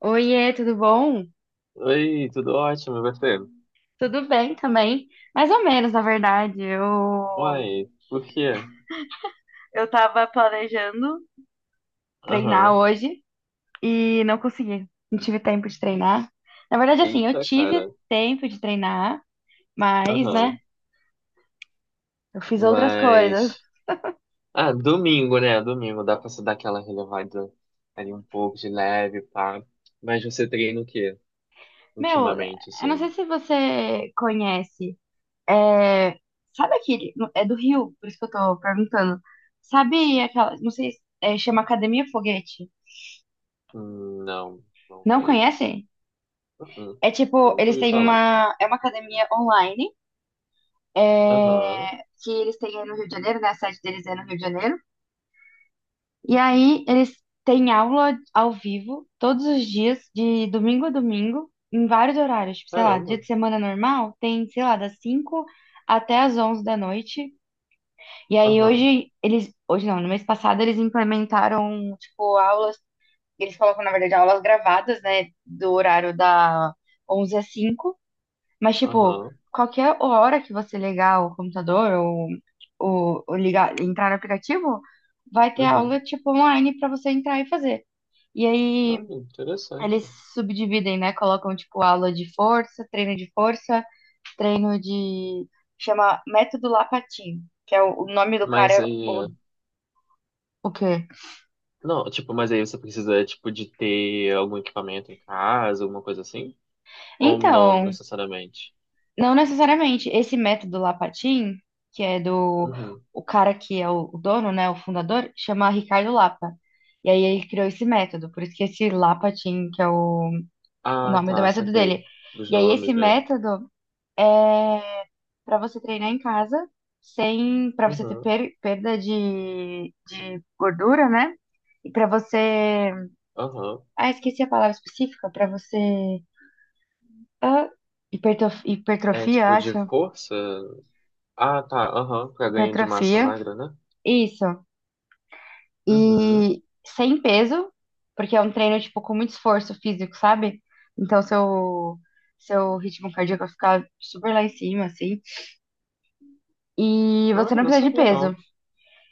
Oiê, tudo bom? Oi, tudo ótimo, e você? Tudo bem também. Mais ou menos, na verdade. Eu Uai, por quê? eu tava planejando treinar Aham. hoje e não consegui. Não tive tempo de treinar. Na verdade, assim, eu Eita, tive cara. tempo de treinar, mas, né, Aham. eu fiz outras coisas. Mas. Ah, domingo, né? Domingo dá pra se dar aquela relevada ali um pouco de leve, pá. Mas você treina o quê Meu, ultimamente, eu não assim? sei se você conhece. É, sabe aquele. É do Rio, por isso que eu tô perguntando. Sabe aquela. Não sei, é, chama Academia Foguete. Não, não Não conheço. conhece? Uhum. É tipo, Nunca eles ouvi têm falar. uma. É uma academia online, é, Aham. que eles têm aí no Rio de Janeiro, né? A sede deles é no Rio de Janeiro. E aí eles têm aula ao vivo todos os dias, de domingo a domingo, em vários horários. Tipo, sei lá, dia Caramba. de semana normal, tem, sei lá, das 5 até as 11 da noite. E aí Aham. hoje eles. Hoje não, no mês passado eles implementaram, tipo, aulas. Eles colocam, na verdade, aulas gravadas, né? Do horário da 11 às cinco. Mas, tipo, Aham. qualquer hora que você ligar o computador ou ligar, entrar no aplicativo, vai ter Uhum. aula, tipo, online pra você entrar e fazer. E aí Olha, interessante. eles subdividem, né? Colocam, tipo, aula de força, treino de força, treino de... Chama Método Lapatin, que é o nome do cara, Mas é aí. O quê? Não, tipo, mas aí você precisa, tipo, de ter algum equipamento em casa, alguma coisa assim? Ou não Então, necessariamente? não necessariamente. Esse método Lapatin, que é do Uhum. o cara que é o dono, né, o fundador, chama Ricardo Lapa. E aí ele criou esse método, por isso que esse Lapatin, que é o Ah, nome do tá, método saquei. dele. Dos E aí esse nomes, né? método é para você treinar em casa, sem para você ter Uhum, perda de gordura, né? E para você, aham. ah, esqueci a palavra específica, para você ah, É hipertrofia, tipo de acho. força? Ah, tá, aham. Pra ganho de massa Hipertrofia, magra, né? isso. Uhum. E sem peso, porque é um treino, tipo, com muito esforço físico, sabe? Então, seu, seu ritmo cardíaco vai ficar super lá em cima, assim. E você Olha, não não precisa de sabia peso. não.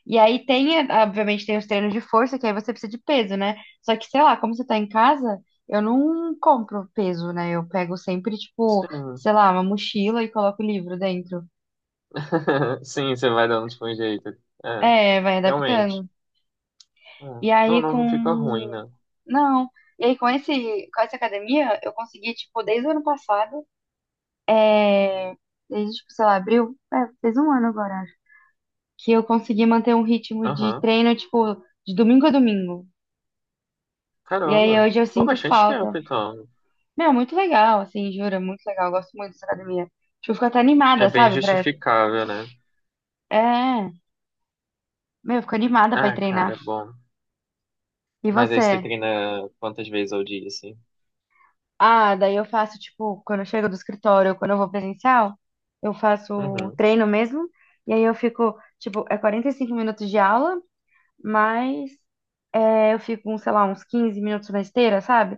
E aí tem, obviamente, tem os treinos de força, que aí você precisa de peso, né? Só que, sei lá, como você tá em casa, eu não compro peso, né? Eu pego sempre, tipo, Sim. sei lá, uma mochila e coloco o livro dentro. Sim, você vai dando tipo um jeito. É, É, vai realmente. adaptando. É. E Não, aí não, com. não fica ruim, né? Não. E aí com esse, com essa academia, eu consegui, tipo, desde o ano passado, é... desde, tipo, sei lá, abril, é, fez 1 ano agora, acho, que eu consegui manter um ritmo de Aham. treino, tipo, de domingo a domingo. E aí Caramba. hoje eu Pô, sinto bastante falta. tempo, então. Meu, muito legal, assim, juro, é muito legal. Eu gosto muito dessa academia. Tipo, eu fico até animada, É bem sabe, pra... essa. justificável, né? É, meu, eu fico animada pra ir Ah, cara, é treinar. bom. E Mas aí você você? treina quantas vezes ao dia, assim? Ah, daí eu faço, tipo, quando eu chego do escritório, ou quando eu vou presencial, eu faço o Uhum. treino mesmo. E aí eu fico, tipo, é 45 minutos de aula, mas é, eu fico, uns, sei lá, uns 15 minutos na esteira, sabe?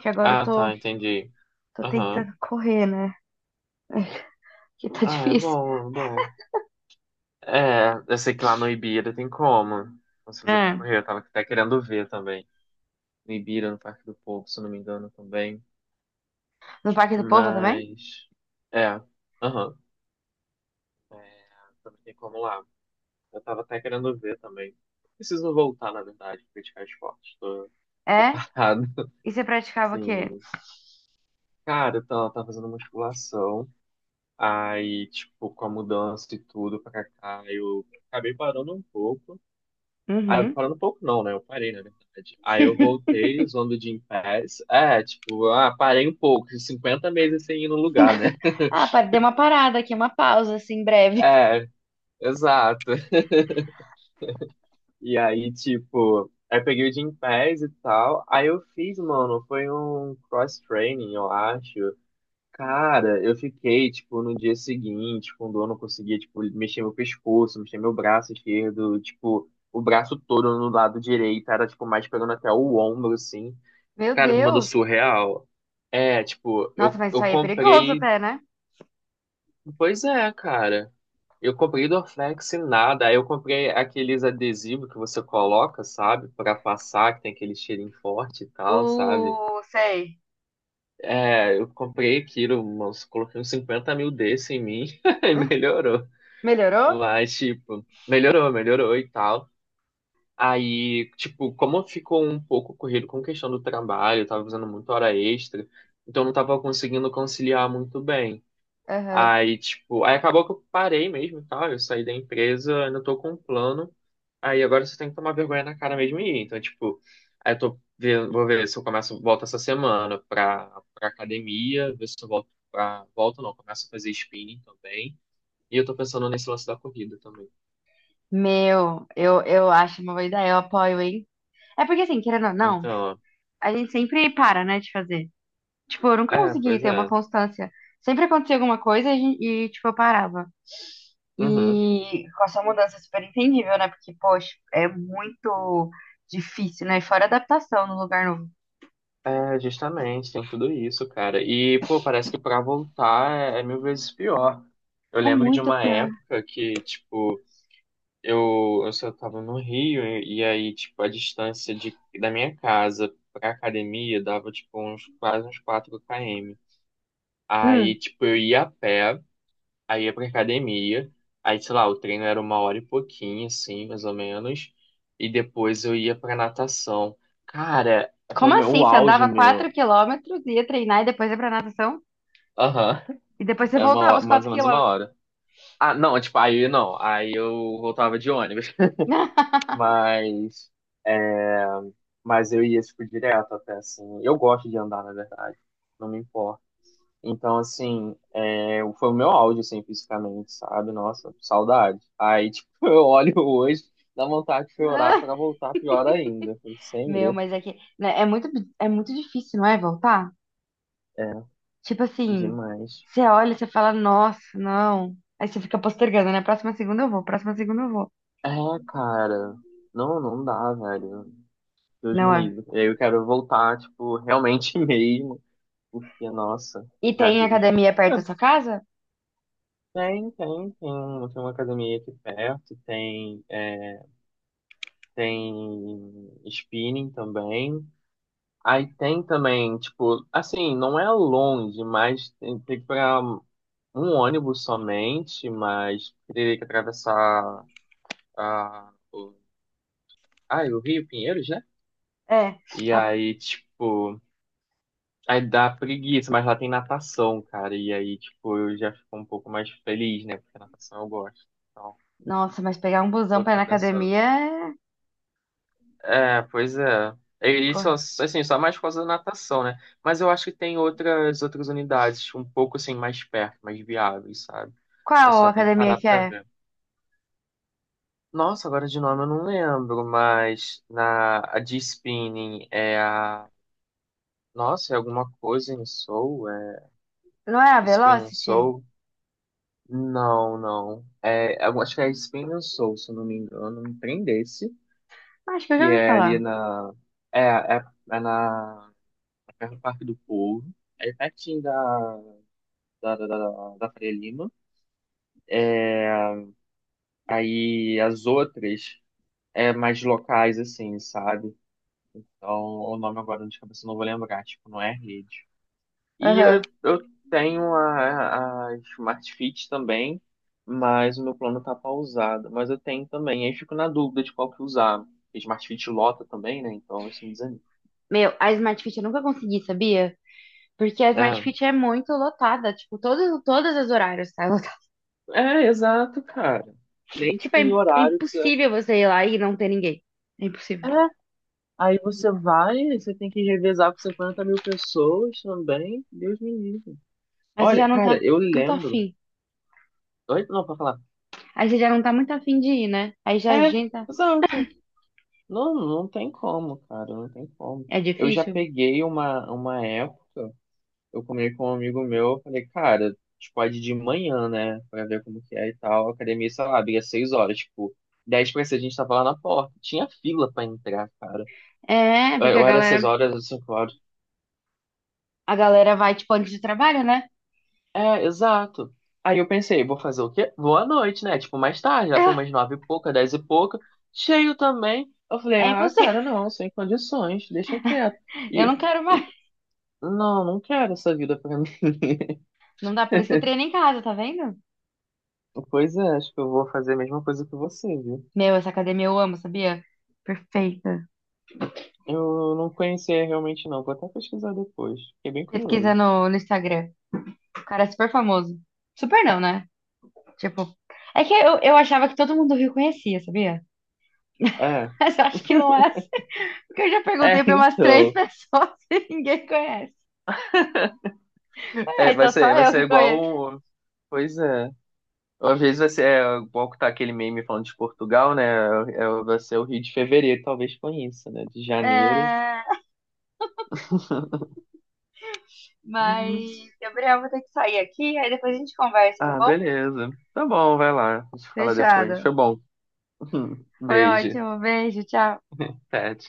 Que agora eu Ah, tô, tá, entendi. tô Aham. tentando correr, né? Que tá Ah, é difícil. bom, é bom. É, eu sei que lá no Ibira tem como você fazer pra É. correr, eu tava até querendo ver também. No Ibira, no Parque do Povo, se eu não me engano, também. No Parque do Povo também? Mas. É. Aham. É, também tem como lá. Eu tava até querendo ver também. Preciso voltar, na verdade, praticar esporte. Tô É? parado. E você praticava o quê? Sim. Cara, eu tava fazendo musculação, aí, tipo, com a mudança e tudo pra cá, eu acabei parando um pouco. Ah, Uhum. parando um pouco não, né? Eu parei, na verdade. Aí eu voltei usando o Gym Pass. É, tipo, ah, parei um pouco, 50 meses sem ir no lugar, né? Ah, dei uma parada aqui, uma pausa, assim, breve. É, exato. E aí, tipo, aí eu peguei o Gym Pass e tal, aí eu fiz, mano, foi um cross-training, eu acho. Cara, eu fiquei, tipo, no dia seguinte, quando eu não conseguia, tipo, mexer meu pescoço, mexer meu braço esquerdo, tipo, o braço todo no lado direito, era, tipo, mais pegando até o ombro, assim. Meu Cara, me mandou Deus! surreal. É, tipo, Nossa, eu, mas isso eu aí é perigoso comprei. até, né? Pois é, cara. Eu comprei Dorflex e nada. Aí eu comprei aqueles adesivos que você coloca, sabe? Pra passar, que tem aquele cheirinho forte e tal, sabe? Sei. É, eu comprei aquilo, uns, coloquei uns 50 mil desse em mim e Hum, melhorou. Melhorou? Mas, tipo, melhorou, melhorou e tal. Aí, tipo, como ficou um pouco corrido com questão do trabalho, eu tava fazendo muita hora extra, então eu não tava conseguindo conciliar muito bem. Aham. Aí, tipo, aí acabou que eu parei mesmo e tal, eu saí da empresa, ainda tô com um plano. Aí agora você tem que tomar vergonha na cara mesmo e ir. Então, tipo, aí eu tô vendo, vou ver se eu começo, volto essa semana pra, academia, ver se eu volto pra, volto não, começo a fazer spinning também. E eu tô pensando nesse lance da corrida também. Meu, eu acho uma boa ideia, eu apoio, hein? É porque, assim, querendo ou não, Então, a gente sempre para, né, de fazer. Tipo, eu nunca é, consegui pois ter uma é. constância. Sempre acontecia alguma coisa e, a gente e, tipo, eu parava. Uhum. E com essa mudança é super entendível, né? Porque, poxa, é muito difícil, né? Fora adaptação no lugar novo. É, justamente, tem tudo isso, cara. E, pô, parece que pra voltar é mil vezes pior. Eu É lembro de muito uma pior. época que, tipo, eu só tava no Rio e aí, tipo, a distância da minha casa pra academia dava, tipo, uns, quase uns 4 km. Aí, Hum, tipo, eu ia a pé, aí ia pra academia, aí, sei lá, o treino era uma hora e pouquinho, assim, mais ou menos, e depois eu ia pra natação. Cara, foi o como meu assim? o Você auge, andava 4 meu. quilômetros, ia treinar e depois ia pra natação? Aham, E depois você é uma, voltava os mais 4 ou menos uma quilômetros. hora. Ah, não, tipo, aí não, aí eu voltava de ônibus. Mas Mas eu ia, tipo, direto até, assim. Eu gosto de andar, na verdade. Não me importa. Então, assim, é, foi o meu auge, assim, fisicamente, sabe? Nossa, saudade. Aí, tipo, eu olho hoje, dá vontade de chorar Ah, pra voltar pior ainda. Eu falei, meu, Senhor, mas é que né, é muito difícil, não é, voltar? é, Tipo assim, demais. você olha, e você fala, nossa, não. Aí você fica postergando, né? Próxima segunda eu vou, próxima segunda eu vou. É, cara, não, não dá, velho. Deus me Não é? livre. E aí eu quero voltar, tipo, realmente mesmo, porque, nossa, E já tem deu já. academia perto da sua casa? Tem, tem, tem uma academia aqui perto, tem. É, tem spinning também. Aí tem também, tipo, assim, não é longe, mas tem que pegar um ônibus somente, mas teria que atravessar a, o, o Rio Pinheiros, né? É. E A- aí, tipo, aí dá preguiça, mas lá tem natação, cara. E aí, tipo, eu já fico um pouco mais feliz, né? Porque natação eu gosto. Então, Nossa, mas pegar um busão tô pra ir cá na pensando. academia é... É, pois é. E só, Qu- assim, só mais por causa da natação, né? Mas eu acho que tem outras unidades um pouco assim mais perto, mais viáveis, sabe? Eu Qual só tenho que academia parar que pra é? ver. Nossa, agora de nome eu não lembro, mas na a de spinning é a. Nossa, é alguma coisa em Soul, é Não é a Spinning Velocity? Soul? Não, não. É, eu acho que é Spinning Soul, se eu não me engano, um trem desse, Acho que eu que já ouvi é falar. ali na é, é, é na perto do Parque do Povo, aí pertinho da Faria Lima. É, aí as outras é mais locais, assim, sabe? Então, o nome agora de cabeça eu não vou lembrar, tipo, não é rede. E Aham. eu tenho a Smart Fit também, mas o meu plano tá pausado. Mas eu tenho também, aí eu fico na dúvida de qual que usar. Smart Fit lota também, né? Então isso me desanima. Meu, a Smart Fit eu nunca consegui, sabia? Porque a Smart É, Fit é muito lotada, tipo, todos, todas as horários, tá? é exato, cara. Nem Tipo, tipo é, em é horário que você. impossível você ir lá e não ter ninguém. É É, impossível. aí você vai, você tem que revezar com 50 mil pessoas também. Deus me livre. Aí você Olha, já não cara, tá eu muito lembro. afim. Oi? Não, pra falar. Aí você já não tá muito afim de ir, né? Aí já É, agenda. exato. Não, não tem como, cara, não tem como. É Eu já difícil? peguei uma época, eu comi com um amigo meu, eu falei, cara, tipo, pode ir de manhã, né? Pra ver como que é e tal. A academia, sei lá, abria 6 horas, tipo, 10 pra 6 a gente tava lá na porta. Tinha fila pra entrar, cara. É, Eu porque eu era 6 horas ou 5 horas. a galera vai, tipo, antes do trabalho, né? É, exato. Aí eu pensei, vou fazer o quê? Vou à noite, né? Tipo, mais tarde, lá por umas nove e pouca, dez e pouca. Cheio também. Eu falei, Ah, é ah, impossível. cara, não, sem condições, deixa quieto. Eu não E, quero e- mais. não, não quero essa vida pra mim. Não dá, por isso que eu treino em casa, tá vendo? Pois é, acho que eu vou fazer a mesma coisa que você, viu? Meu, essa academia eu amo, sabia? Perfeita. Eu não conhecia realmente, não. Vou até pesquisar depois. Fiquei bem Pesquisa curioso. no, no Instagram. O cara é super famoso. Super não, né? Tipo, é que eu achava que todo mundo do Rio conhecia, sabia? É, Mas eu acho que não é assim. Porque eu já perguntei para umas três então. pessoas e ninguém conhece. É, É, vai então só ser, vai eu ser que conheço. igual. Pois é. Às vezes vai ser, é, igual que tá aquele meme falando de Portugal, né? É, vai ser o Rio de Fevereiro, talvez conheça, né? De janeiro. É, mas, Gabriel, vou ter que sair aqui, aí depois a gente conversa, tá Ah, bom? beleza. Tá bom, vai lá. A gente fala depois. Fechado. Foi bom. Foi Beijo. ótimo. Beijo, tchau. Tchau.